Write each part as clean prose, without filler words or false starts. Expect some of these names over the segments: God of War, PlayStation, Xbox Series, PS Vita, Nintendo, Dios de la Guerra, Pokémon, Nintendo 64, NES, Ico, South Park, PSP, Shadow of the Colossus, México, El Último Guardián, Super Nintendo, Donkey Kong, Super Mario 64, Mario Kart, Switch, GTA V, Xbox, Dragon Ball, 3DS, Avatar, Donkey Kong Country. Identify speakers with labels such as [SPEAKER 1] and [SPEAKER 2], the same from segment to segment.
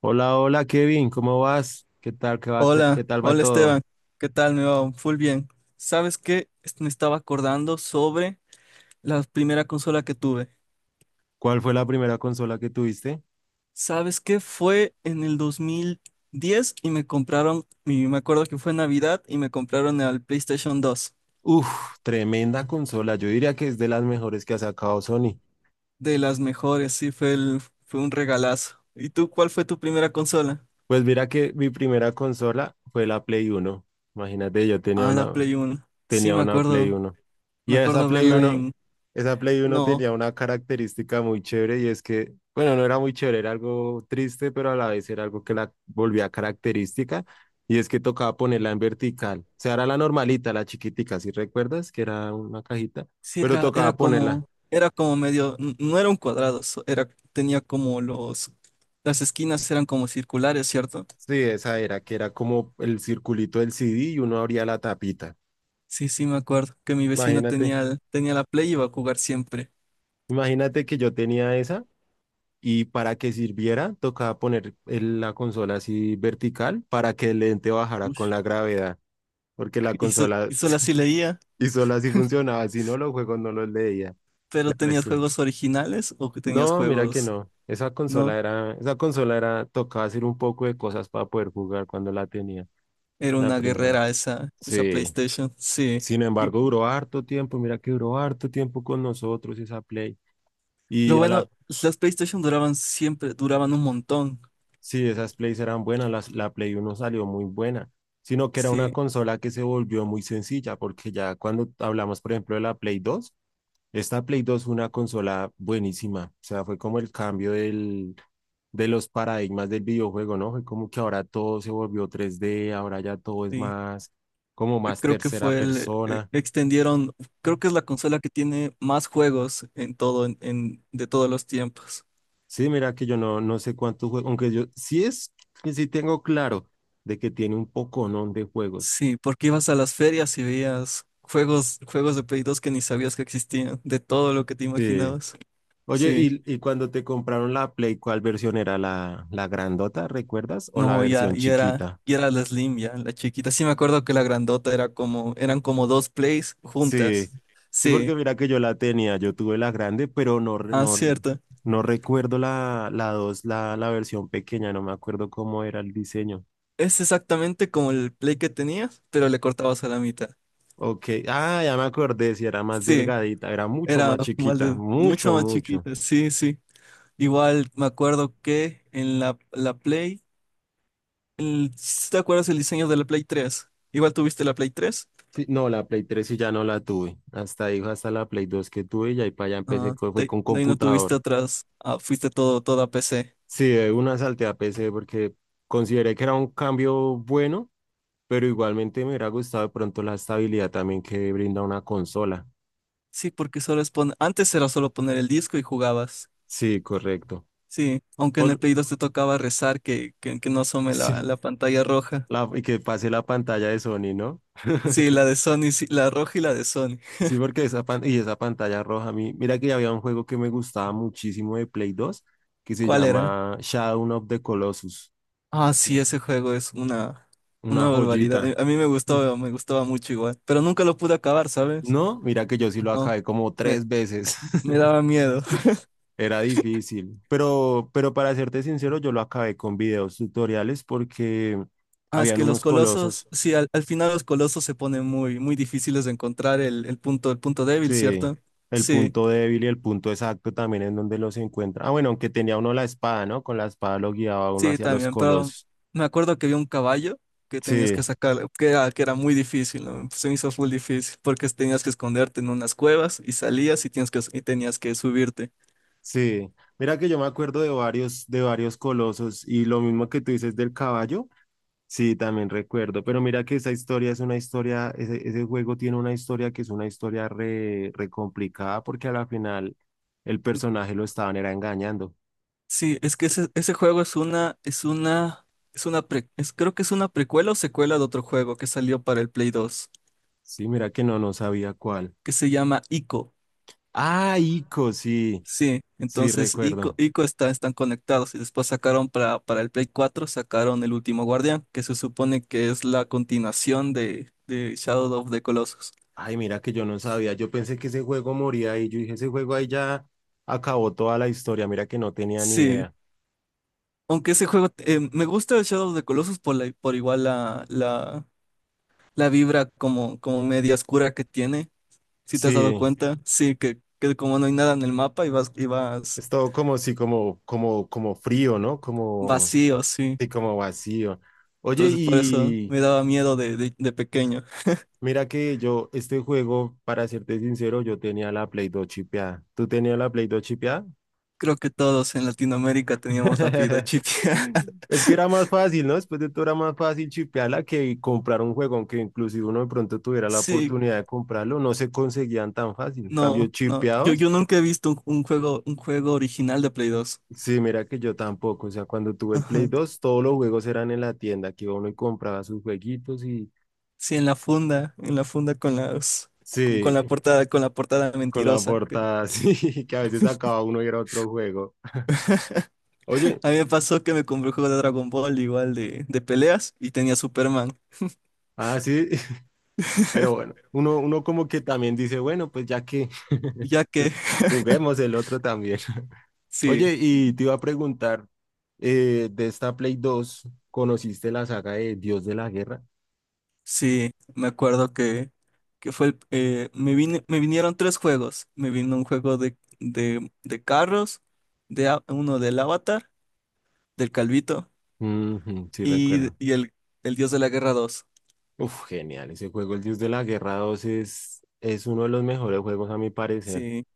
[SPEAKER 1] Hola, hola Kevin, ¿cómo vas? ¿Qué tal,
[SPEAKER 2] Hola,
[SPEAKER 1] qué tal va
[SPEAKER 2] hola
[SPEAKER 1] todo?
[SPEAKER 2] Esteban, ¿qué tal? Me va full bien. ¿Sabes qué? Me estaba acordando sobre la primera consola que tuve.
[SPEAKER 1] ¿Cuál fue la primera consola que tuviste?
[SPEAKER 2] ¿Sabes qué? Fue en el 2010 y me compraron, y me acuerdo que fue Navidad y me compraron el PlayStation 2.
[SPEAKER 1] Uf, tremenda consola, yo diría que es de las mejores que ha sacado Sony.
[SPEAKER 2] De las mejores, sí, fue un regalazo. ¿Y tú cuál fue tu primera consola?
[SPEAKER 1] Pues mira que mi primera consola fue la Play 1. Imagínate, yo
[SPEAKER 2] Ah, la Play 1. Sí,
[SPEAKER 1] tenía una Play Uno. Y
[SPEAKER 2] me
[SPEAKER 1] esa
[SPEAKER 2] acuerdo
[SPEAKER 1] Play
[SPEAKER 2] verla
[SPEAKER 1] uno
[SPEAKER 2] en.
[SPEAKER 1] esa Play uno
[SPEAKER 2] No,
[SPEAKER 1] tenía una característica muy chévere y es que, bueno, no era muy chévere, era algo triste, pero a la vez era algo que la volvía característica y es que tocaba ponerla en vertical. O sea, era la normalita, la chiquitica, si recuerdas, que era una cajita,
[SPEAKER 2] sí,
[SPEAKER 1] pero
[SPEAKER 2] era
[SPEAKER 1] tocaba ponerla.
[SPEAKER 2] como, medio, no era un cuadrado, era, tenía como las esquinas eran como circulares, ¿cierto?
[SPEAKER 1] Sí, esa era, que era como el circulito del CD y uno abría la tapita.
[SPEAKER 2] Sí, sí, me acuerdo que mi vecino
[SPEAKER 1] Imagínate,
[SPEAKER 2] tenía la Play y iba a jugar siempre.
[SPEAKER 1] imagínate que yo tenía esa. Y para que sirviera, tocaba poner la consola así vertical para que el lente bajara con
[SPEAKER 2] Ush.
[SPEAKER 1] la gravedad, porque la
[SPEAKER 2] Y, so-
[SPEAKER 1] consola
[SPEAKER 2] y solo así leía,
[SPEAKER 1] y solo así funcionaba, si no los juegos no los leía. De
[SPEAKER 2] pero ¿tenías
[SPEAKER 1] resto,
[SPEAKER 2] juegos originales o que tenías
[SPEAKER 1] no, mira que
[SPEAKER 2] juegos?
[SPEAKER 1] no. Esa
[SPEAKER 2] No,
[SPEAKER 1] consola era, esa consola era, tocaba hacer un poco de cosas para poder jugar cuando la tenía,
[SPEAKER 2] era
[SPEAKER 1] la
[SPEAKER 2] una
[SPEAKER 1] primera vez.
[SPEAKER 2] guerrera esa
[SPEAKER 1] Sí.
[SPEAKER 2] PlayStation, sí.
[SPEAKER 1] Sin embargo, duró harto tiempo, mira que duró harto tiempo con nosotros esa Play.
[SPEAKER 2] Lo
[SPEAKER 1] Y a
[SPEAKER 2] bueno,
[SPEAKER 1] la,
[SPEAKER 2] las PlayStation duraban siempre, duraban un montón,
[SPEAKER 1] sí, esas plays eran buenas, la Play 1 salió muy buena, sino que era una
[SPEAKER 2] sí,
[SPEAKER 1] consola que se volvió muy sencilla, porque ya cuando hablamos, por ejemplo, de la Play 2. Esta Play 2 fue una consola buenísima, o sea, fue como el cambio de los paradigmas del videojuego, ¿no? Fue como que ahora todo se volvió 3D, ahora ya todo es
[SPEAKER 2] sí.
[SPEAKER 1] más, como
[SPEAKER 2] eh,
[SPEAKER 1] más
[SPEAKER 2] creo que
[SPEAKER 1] tercera
[SPEAKER 2] fue
[SPEAKER 1] persona.
[SPEAKER 2] extendieron, creo que es la consola que tiene más juegos en todo, de todos los tiempos.
[SPEAKER 1] Sí, mira que yo no sé cuántos juegos, aunque yo sí tengo claro de que tiene un poco, ¿no?, de juegos.
[SPEAKER 2] Sí, porque ibas a las ferias y veías juegos, juegos de Play 2 que ni sabías que existían, de todo lo que te
[SPEAKER 1] Sí,
[SPEAKER 2] imaginabas.
[SPEAKER 1] oye,
[SPEAKER 2] Sí.
[SPEAKER 1] y cuando te compraron la Play, ¿cuál versión era la grandota, recuerdas? ¿O la
[SPEAKER 2] No, ya,
[SPEAKER 1] versión chiquita?
[SPEAKER 2] y era la Slim, ya, la chiquita. Sí me acuerdo que la grandota era como, eran como dos Plays
[SPEAKER 1] Sí,
[SPEAKER 2] juntas.
[SPEAKER 1] sí, porque
[SPEAKER 2] Sí,
[SPEAKER 1] mira que yo la tenía, yo tuve la grande, pero no,
[SPEAKER 2] ah,
[SPEAKER 1] no,
[SPEAKER 2] cierto.
[SPEAKER 1] no recuerdo la dos, la versión pequeña, no me acuerdo cómo era el diseño.
[SPEAKER 2] Es exactamente como el Play que tenías, pero le cortabas a la mitad.
[SPEAKER 1] Ok, ah, ya me acordé, si era más
[SPEAKER 2] Sí,
[SPEAKER 1] delgadita, era mucho
[SPEAKER 2] era
[SPEAKER 1] más chiquita,
[SPEAKER 2] mucho
[SPEAKER 1] mucho,
[SPEAKER 2] más
[SPEAKER 1] mucho.
[SPEAKER 2] chiquita, sí, sí. Igual me acuerdo que en la Play, ¿sí, ¿te acuerdas el diseño de la Play 3? Igual tuviste la Play 3.
[SPEAKER 1] Sí, no, la Play 3 sí ya no la tuve, hasta ahí, hasta la Play 2 que tuve y ahí para allá empecé,
[SPEAKER 2] Ah,
[SPEAKER 1] fue con
[SPEAKER 2] de ahí no tuviste
[SPEAKER 1] computador.
[SPEAKER 2] atrás, ah, fuiste todo, toda PC.
[SPEAKER 1] Sí, de una salté a PC porque consideré que era un cambio bueno, pero igualmente me hubiera gustado de pronto la estabilidad también que brinda una consola.
[SPEAKER 2] Sí, porque antes era solo poner el disco y jugabas.
[SPEAKER 1] Sí, correcto.
[SPEAKER 2] Sí, aunque en el
[SPEAKER 1] Por
[SPEAKER 2] Play 2 te tocaba rezar que no asome
[SPEAKER 1] sí,
[SPEAKER 2] la pantalla roja.
[SPEAKER 1] la, y que pase la pantalla de Sony, ¿no?
[SPEAKER 2] Sí, la de Sony, sí, la roja y la de Sony.
[SPEAKER 1] Sí, porque esa, y esa pantalla roja, a mí, mira que había un juego que me gustaba muchísimo de Play 2 que se
[SPEAKER 2] ¿Cuál era?
[SPEAKER 1] llama Shadow of the Colossus.
[SPEAKER 2] Ah, sí, ese juego es
[SPEAKER 1] Una
[SPEAKER 2] una barbaridad.
[SPEAKER 1] joyita.
[SPEAKER 2] A mí
[SPEAKER 1] Mm.
[SPEAKER 2] me gustaba mucho igual, pero nunca lo pude acabar, ¿sabes?
[SPEAKER 1] No, mira que yo sí lo
[SPEAKER 2] No,
[SPEAKER 1] acabé como
[SPEAKER 2] me,
[SPEAKER 1] tres veces.
[SPEAKER 2] me daba miedo.
[SPEAKER 1] Era difícil, pero para serte sincero, yo lo acabé con videos tutoriales porque
[SPEAKER 2] Ah, es
[SPEAKER 1] habían
[SPEAKER 2] que los
[SPEAKER 1] unos colosos,
[SPEAKER 2] colosos, sí, al final los colosos se ponen muy, muy difíciles de encontrar el punto débil,
[SPEAKER 1] sí,
[SPEAKER 2] ¿cierto?
[SPEAKER 1] el
[SPEAKER 2] Sí,
[SPEAKER 1] punto débil y el punto exacto también en donde los encuentra. Ah, bueno, aunque tenía uno la espada, ¿no? Con la espada lo guiaba uno
[SPEAKER 2] sí,
[SPEAKER 1] hacia los
[SPEAKER 2] también, pero
[SPEAKER 1] colosos.
[SPEAKER 2] me acuerdo que había un caballo que tenías que
[SPEAKER 1] Sí,
[SPEAKER 2] sacar, que era muy difícil, ¿no? Se me hizo full difícil, porque tenías que esconderte en unas cuevas y salías y, tenías que subirte.
[SPEAKER 1] sí. Mira que yo me acuerdo de varios colosos y lo mismo que tú dices del caballo. Sí, también recuerdo, pero mira que esa historia es una historia, ese juego tiene una historia que es una historia re complicada porque a la final el personaje lo estaban era engañando.
[SPEAKER 2] Sí, es que ese juego es una, es una creo que es una precuela o secuela de otro juego que salió para el Play 2
[SPEAKER 1] Sí, mira que no sabía cuál.
[SPEAKER 2] que se llama Ico.
[SPEAKER 1] Ah, Ico, sí,
[SPEAKER 2] Sí,
[SPEAKER 1] sí
[SPEAKER 2] entonces
[SPEAKER 1] recuerdo.
[SPEAKER 2] Ico están conectados y después sacaron para el Play 4 sacaron El Último Guardián, que se supone que es la continuación de Shadow of the Colossus.
[SPEAKER 1] Ay, mira que yo no sabía, yo pensé que ese juego moría y yo dije, ese juego ahí ya acabó toda la historia, mira que no tenía ni
[SPEAKER 2] Sí,
[SPEAKER 1] idea.
[SPEAKER 2] aunque ese juego, me gusta el Shadow of the Colossus por, la, por igual la vibra como, media oscura que tiene. Si te has
[SPEAKER 1] Sí,
[SPEAKER 2] dado cuenta, sí, que como no hay nada en el mapa y vas,
[SPEAKER 1] es todo como, sí, como frío, ¿no? Como,
[SPEAKER 2] vacío, sí.
[SPEAKER 1] sí, como vacío. Oye,
[SPEAKER 2] Entonces por eso
[SPEAKER 1] y...
[SPEAKER 2] me daba miedo de pequeño.
[SPEAKER 1] Mira que yo, este juego, para serte sincero, yo tenía la Play 2 chipeada. ¿Tú tenías la Play 2 chipeada?
[SPEAKER 2] Creo que todos en Latinoamérica teníamos la vida chipia.
[SPEAKER 1] Es que era más fácil, ¿no? Después de todo era más fácil chipearla que comprar un juego, aunque inclusive uno de pronto tuviera la
[SPEAKER 2] Sí,
[SPEAKER 1] oportunidad de comprarlo, no se conseguían tan fácil. En cambio,
[SPEAKER 2] no, no.
[SPEAKER 1] chipeados,
[SPEAKER 2] Yo nunca he visto un juego, original de Play 2.
[SPEAKER 1] sí, mira que yo tampoco. O sea, cuando tuve el Play
[SPEAKER 2] Ajá.
[SPEAKER 1] 2 todos los juegos eran en la tienda, que iba uno y compraba sus jueguitos y
[SPEAKER 2] Sí, en la funda, con las, con
[SPEAKER 1] sí,
[SPEAKER 2] la portada,
[SPEAKER 1] con la
[SPEAKER 2] mentirosa.
[SPEAKER 1] portada, sí, que a veces acababa uno y era otro juego. Oye,
[SPEAKER 2] A mí me pasó que me compré un juego de Dragon Ball igual de peleas y tenía Superman.
[SPEAKER 1] ah, sí. Pero bueno, uno como que también dice, bueno, pues ya que
[SPEAKER 2] Ya que,
[SPEAKER 1] juguemos el otro también.
[SPEAKER 2] sí.
[SPEAKER 1] Oye, y te iba a preguntar, de esta Play 2, ¿conociste la saga de Dios de la Guerra?
[SPEAKER 2] Sí, me acuerdo que fue me vinieron tres juegos. Me vino un juego de carros, uno del Avatar, del Calvito,
[SPEAKER 1] Ujú, sí, recuerdo.
[SPEAKER 2] y el Dios de la Guerra 2.
[SPEAKER 1] Uf, genial, ese juego, el Dios de la Guerra 2 es uno de los mejores juegos a mi parecer.
[SPEAKER 2] Sí,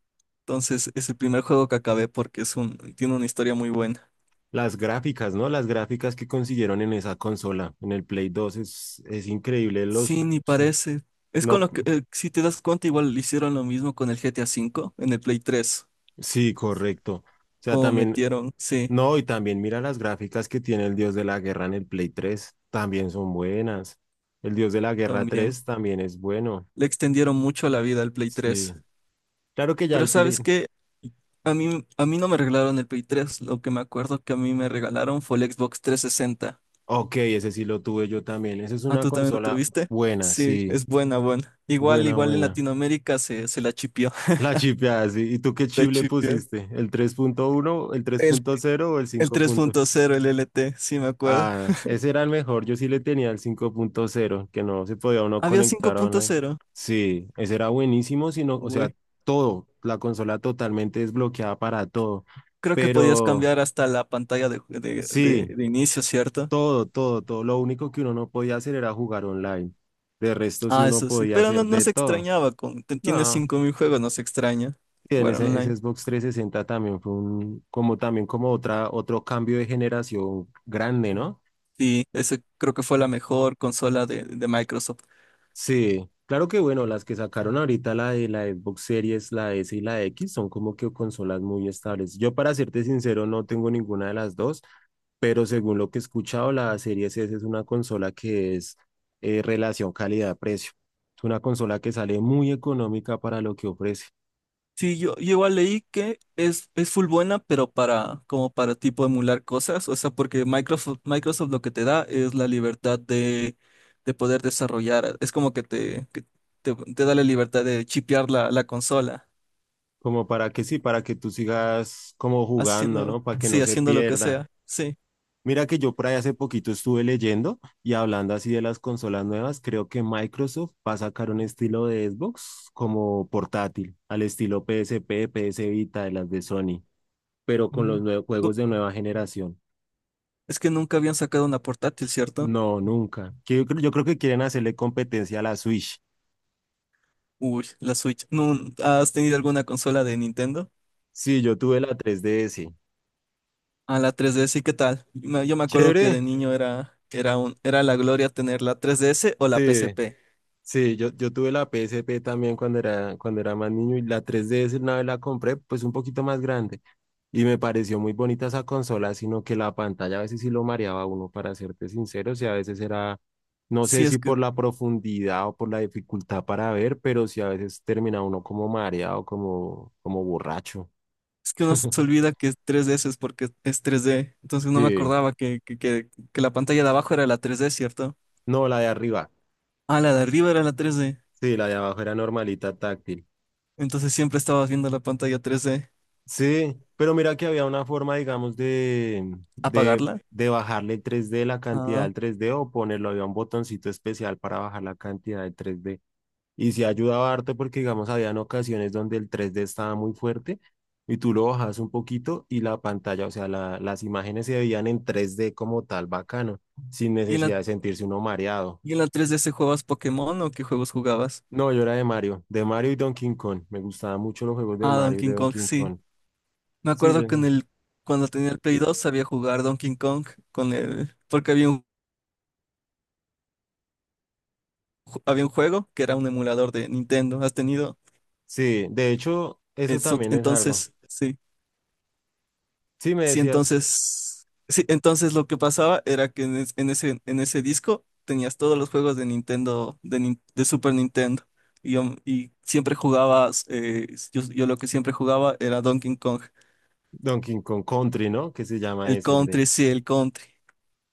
[SPEAKER 2] entonces es el primer juego que acabé porque tiene una historia muy buena.
[SPEAKER 1] Las gráficas, ¿no? Las gráficas que consiguieron en esa consola, en el Play 2, es increíble. Los,
[SPEAKER 2] Sí, ni
[SPEAKER 1] sí,
[SPEAKER 2] parece. Es con
[SPEAKER 1] no.
[SPEAKER 2] lo que, si te das cuenta, igual hicieron lo mismo con el GTA V en el Play 3.
[SPEAKER 1] Sí, correcto. O sea,
[SPEAKER 2] Como
[SPEAKER 1] también,
[SPEAKER 2] metieron, sí,
[SPEAKER 1] no, y también mira las gráficas que tiene el Dios de la Guerra en el Play 3, también son buenas. El Dios de la Guerra
[SPEAKER 2] también.
[SPEAKER 1] tres también es bueno.
[SPEAKER 2] Le extendieron mucho la vida al Play
[SPEAKER 1] Sí.
[SPEAKER 2] tres
[SPEAKER 1] Claro que ya
[SPEAKER 2] Pero
[SPEAKER 1] el Play.
[SPEAKER 2] ¿sabes qué? A mí no me regalaron el Play 3. Lo que me acuerdo que a mí me regalaron fue el Xbox 360.
[SPEAKER 1] Ok, ese sí lo tuve yo también. Esa es
[SPEAKER 2] Ah,
[SPEAKER 1] una
[SPEAKER 2] ¿tú también lo
[SPEAKER 1] consola
[SPEAKER 2] tuviste?
[SPEAKER 1] buena,
[SPEAKER 2] Sí,
[SPEAKER 1] sí.
[SPEAKER 2] es buena, buena. Igual,
[SPEAKER 1] Buena,
[SPEAKER 2] igual en
[SPEAKER 1] buena.
[SPEAKER 2] Latinoamérica se la chipió.
[SPEAKER 1] La chipeada, sí. ¿Y tú qué
[SPEAKER 2] La
[SPEAKER 1] chip le
[SPEAKER 2] chipió.
[SPEAKER 1] pusiste? ¿El 3.1, el tres
[SPEAKER 2] El,
[SPEAKER 1] punto cero o el
[SPEAKER 2] el tres
[SPEAKER 1] 5.0?
[SPEAKER 2] punto cero el LT, sí me acuerdo.
[SPEAKER 1] Ah, ese era el mejor. Yo sí le tenía el 5.0, que no se podía uno
[SPEAKER 2] Había cinco
[SPEAKER 1] conectar
[SPEAKER 2] punto
[SPEAKER 1] online.
[SPEAKER 2] cero
[SPEAKER 1] Sí, ese era buenísimo, sino, o sea,
[SPEAKER 2] Uy.
[SPEAKER 1] todo, la consola totalmente desbloqueada para todo.
[SPEAKER 2] Creo que podías
[SPEAKER 1] Pero
[SPEAKER 2] cambiar hasta la pantalla
[SPEAKER 1] sí,
[SPEAKER 2] de inicio, ¿cierto?
[SPEAKER 1] todo, todo, todo. Lo único que uno no podía hacer era jugar online. De resto, sí
[SPEAKER 2] Ah,
[SPEAKER 1] uno
[SPEAKER 2] eso sí.
[SPEAKER 1] podía
[SPEAKER 2] Pero
[SPEAKER 1] hacer
[SPEAKER 2] no
[SPEAKER 1] de
[SPEAKER 2] se
[SPEAKER 1] todo.
[SPEAKER 2] extrañaba. Tienes
[SPEAKER 1] No,
[SPEAKER 2] 5.000 juegos, no se extraña
[SPEAKER 1] y en
[SPEAKER 2] jugar
[SPEAKER 1] ese
[SPEAKER 2] online.
[SPEAKER 1] Xbox 360 también fue un, como también como otra, otro cambio de generación grande, ¿no?
[SPEAKER 2] Sí, ese creo que fue la mejor consola de Microsoft.
[SPEAKER 1] Sí, claro que bueno, las que sacaron ahorita la de la Xbox Series, la S y la X son como que consolas muy estables. Yo para serte sincero no tengo ninguna de las dos, pero según lo que he escuchado, la Series S es una consola que es relación calidad-precio. Es una consola que sale muy económica para lo que ofrece,
[SPEAKER 2] Sí, yo igual leí que es full buena, pero para, como para tipo emular cosas, o sea, porque Microsoft lo que te da es la libertad de poder desarrollar, es como que te da la libertad de chipear la consola,
[SPEAKER 1] como para que sí, para que tú sigas como jugando,
[SPEAKER 2] haciendo,
[SPEAKER 1] ¿no? Para que no
[SPEAKER 2] sí,
[SPEAKER 1] se
[SPEAKER 2] haciendo lo que
[SPEAKER 1] pierda.
[SPEAKER 2] sea, sí.
[SPEAKER 1] Mira que yo por ahí hace poquito estuve leyendo y hablando así de las consolas nuevas, creo que Microsoft va a sacar un estilo de Xbox como portátil, al estilo PSP, PS Vita, de las de Sony, pero con los
[SPEAKER 2] Mm.
[SPEAKER 1] nuevos
[SPEAKER 2] No,
[SPEAKER 1] juegos de nueva generación.
[SPEAKER 2] es que nunca habían sacado una portátil, ¿cierto?
[SPEAKER 1] No, nunca. Yo creo, que quieren hacerle competencia a la Switch.
[SPEAKER 2] Uy, la Switch. ¿No has tenido alguna consola de Nintendo?
[SPEAKER 1] Sí, yo tuve la 3DS.
[SPEAKER 2] A la 3DS, ¿y qué tal? Yo me acuerdo que de
[SPEAKER 1] Chévere.
[SPEAKER 2] niño era la gloria tener la 3DS o la P
[SPEAKER 1] Sí.
[SPEAKER 2] S P
[SPEAKER 1] Sí, yo tuve la PSP también cuando era más niño y la 3DS una vez la compré, pues un poquito más grande. Y me pareció muy bonita esa consola, sino que la pantalla a veces sí lo mareaba a uno, para serte sincero, o sea, a veces era, no
[SPEAKER 2] Sí,
[SPEAKER 1] sé si
[SPEAKER 2] es que,
[SPEAKER 1] por la profundidad o por la dificultad para ver, pero sí a veces termina uno como mareado, como borracho.
[SPEAKER 2] uno se olvida que es 3DS es porque es 3D. Entonces no me
[SPEAKER 1] Sí,
[SPEAKER 2] acordaba que la pantalla de abajo era la 3D, ¿cierto?
[SPEAKER 1] no, la de arriba,
[SPEAKER 2] Ah, la de arriba era la 3D.
[SPEAKER 1] sí, la de abajo era normalita táctil.
[SPEAKER 2] Entonces siempre estabas viendo la pantalla 3D.
[SPEAKER 1] Sí, pero mira que había una forma, digamos, de, de,
[SPEAKER 2] ¿Apagarla?
[SPEAKER 1] de bajarle el 3D, la cantidad
[SPEAKER 2] Ah.
[SPEAKER 1] del 3D o ponerlo, había un botoncito especial para bajar la cantidad del 3D. Y sí ayudaba harto porque, digamos, habían ocasiones donde el 3D estaba muy fuerte y tú lo bajas un poquito y la pantalla, o sea, las imágenes se veían en 3D como tal, bacano, sin
[SPEAKER 2] ¿Y en
[SPEAKER 1] necesidad de sentirse uno mareado.
[SPEAKER 2] la 3DS jugabas Pokémon o qué juegos jugabas?
[SPEAKER 1] No, yo era de Mario, y Donkey Kong. Me gustaban mucho los juegos de
[SPEAKER 2] Ah,
[SPEAKER 1] Mario y de
[SPEAKER 2] Donkey Kong,
[SPEAKER 1] Donkey
[SPEAKER 2] sí.
[SPEAKER 1] Kong.
[SPEAKER 2] Me
[SPEAKER 1] Sí,
[SPEAKER 2] acuerdo que
[SPEAKER 1] yo.
[SPEAKER 2] cuando tenía el Play 2 sabía jugar Donkey Kong porque había un, juego que era un emulador de Nintendo. ¿Has tenido?
[SPEAKER 1] Sí, de hecho, eso también es algo.
[SPEAKER 2] Entonces, sí.
[SPEAKER 1] Sí, me
[SPEAKER 2] Sí,
[SPEAKER 1] decías
[SPEAKER 2] entonces. Sí, entonces lo que pasaba era que en ese disco tenías todos los juegos de Nintendo, de Super Nintendo. Y siempre jugabas, yo lo que siempre jugaba era Donkey Kong.
[SPEAKER 1] Donkey Kong Country, ¿no? Que se llama
[SPEAKER 2] El
[SPEAKER 1] ese, el de.
[SPEAKER 2] Country, sí, el Country.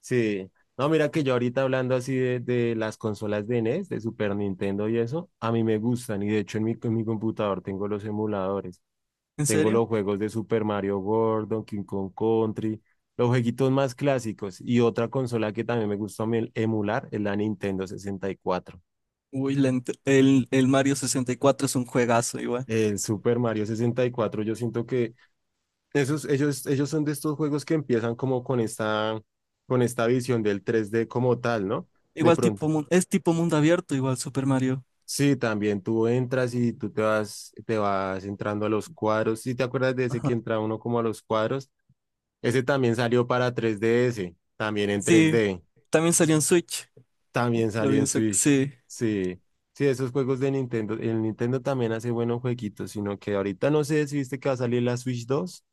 [SPEAKER 1] Sí. No, mira que yo ahorita hablando así de las consolas de NES, de Super Nintendo y eso, a mí me gustan. Y de hecho, en mi computador tengo los emuladores.
[SPEAKER 2] ¿En
[SPEAKER 1] Tengo
[SPEAKER 2] serio?
[SPEAKER 1] los juegos de Super Mario World, Donkey Kong Country, los jueguitos más clásicos. Y otra consola que también me gusta a mí emular es la Nintendo 64.
[SPEAKER 2] Uy, el Mario 64 es un juegazo igual.
[SPEAKER 1] El Super Mario 64 yo siento que. Esos, ellos son de estos juegos que empiezan como con esta, visión del 3D como tal, ¿no? De
[SPEAKER 2] Igual tipo,
[SPEAKER 1] pronto.
[SPEAKER 2] es tipo mundo abierto, igual Super Mario.
[SPEAKER 1] Sí, también tú entras y tú te vas entrando a los cuadros. ¿Sí te acuerdas de ese que
[SPEAKER 2] Ajá.
[SPEAKER 1] entra uno como a los cuadros? Ese también salió para tres D S también en tres
[SPEAKER 2] Sí,
[SPEAKER 1] d,
[SPEAKER 2] también salió en Switch.
[SPEAKER 1] también
[SPEAKER 2] Lo
[SPEAKER 1] salió
[SPEAKER 2] vi
[SPEAKER 1] en
[SPEAKER 2] en sec-
[SPEAKER 1] Switch.
[SPEAKER 2] Sí,
[SPEAKER 1] Sí, sí, esos juegos de Nintendo, el Nintendo también hace buenos jueguitos, sino que ahorita no sé si viste que va a salir la Switch 2.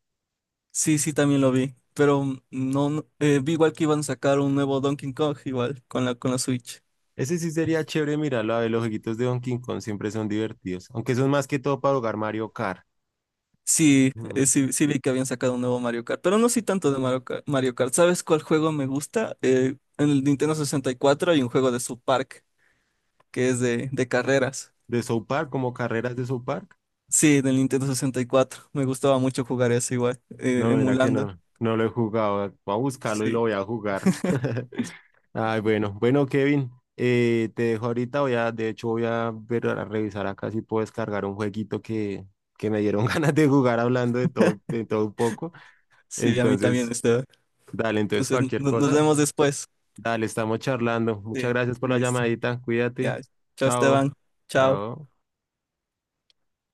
[SPEAKER 2] sí, sí, también lo vi. Pero no, vi igual que iban a sacar un nuevo Donkey Kong, igual, con con la Switch.
[SPEAKER 1] Ese sí sería chévere mirarlo. A ver, los jueguitos de Donkey Kong siempre son divertidos. Aunque son más que todo para jugar Mario Kart.
[SPEAKER 2] Sí,
[SPEAKER 1] Mm.
[SPEAKER 2] sí, sí vi que habían sacado un nuevo Mario Kart, pero no sí tanto de Mario Kart. Mario Kart. ¿Sabes cuál juego me gusta? En el Nintendo 64 hay un juego de South Park, que es de carreras.
[SPEAKER 1] De South Park, como carreras de South Park.
[SPEAKER 2] Sí, del Nintendo 64. Me gustaba mucho jugar eso igual,
[SPEAKER 1] No, mira que
[SPEAKER 2] emulando.
[SPEAKER 1] no lo he jugado. Voy a buscarlo y lo
[SPEAKER 2] Sí,
[SPEAKER 1] voy a jugar. Ay, bueno, bueno, Kevin, te dejo ahorita. Voy a, de hecho, voy a ver, a revisar acá si puedo descargar un jueguito que me dieron ganas de jugar hablando de todo un poco.
[SPEAKER 2] sí, a mí también,
[SPEAKER 1] Entonces,
[SPEAKER 2] Esteban.
[SPEAKER 1] dale, entonces
[SPEAKER 2] Entonces,
[SPEAKER 1] cualquier
[SPEAKER 2] nos
[SPEAKER 1] cosa.
[SPEAKER 2] vemos después.
[SPEAKER 1] Dale, estamos charlando. Muchas
[SPEAKER 2] Sí,
[SPEAKER 1] gracias por la
[SPEAKER 2] listo.
[SPEAKER 1] llamadita. Cuídate.
[SPEAKER 2] Ya, chao,
[SPEAKER 1] Chao.
[SPEAKER 2] Esteban. Chao.
[SPEAKER 1] Chao.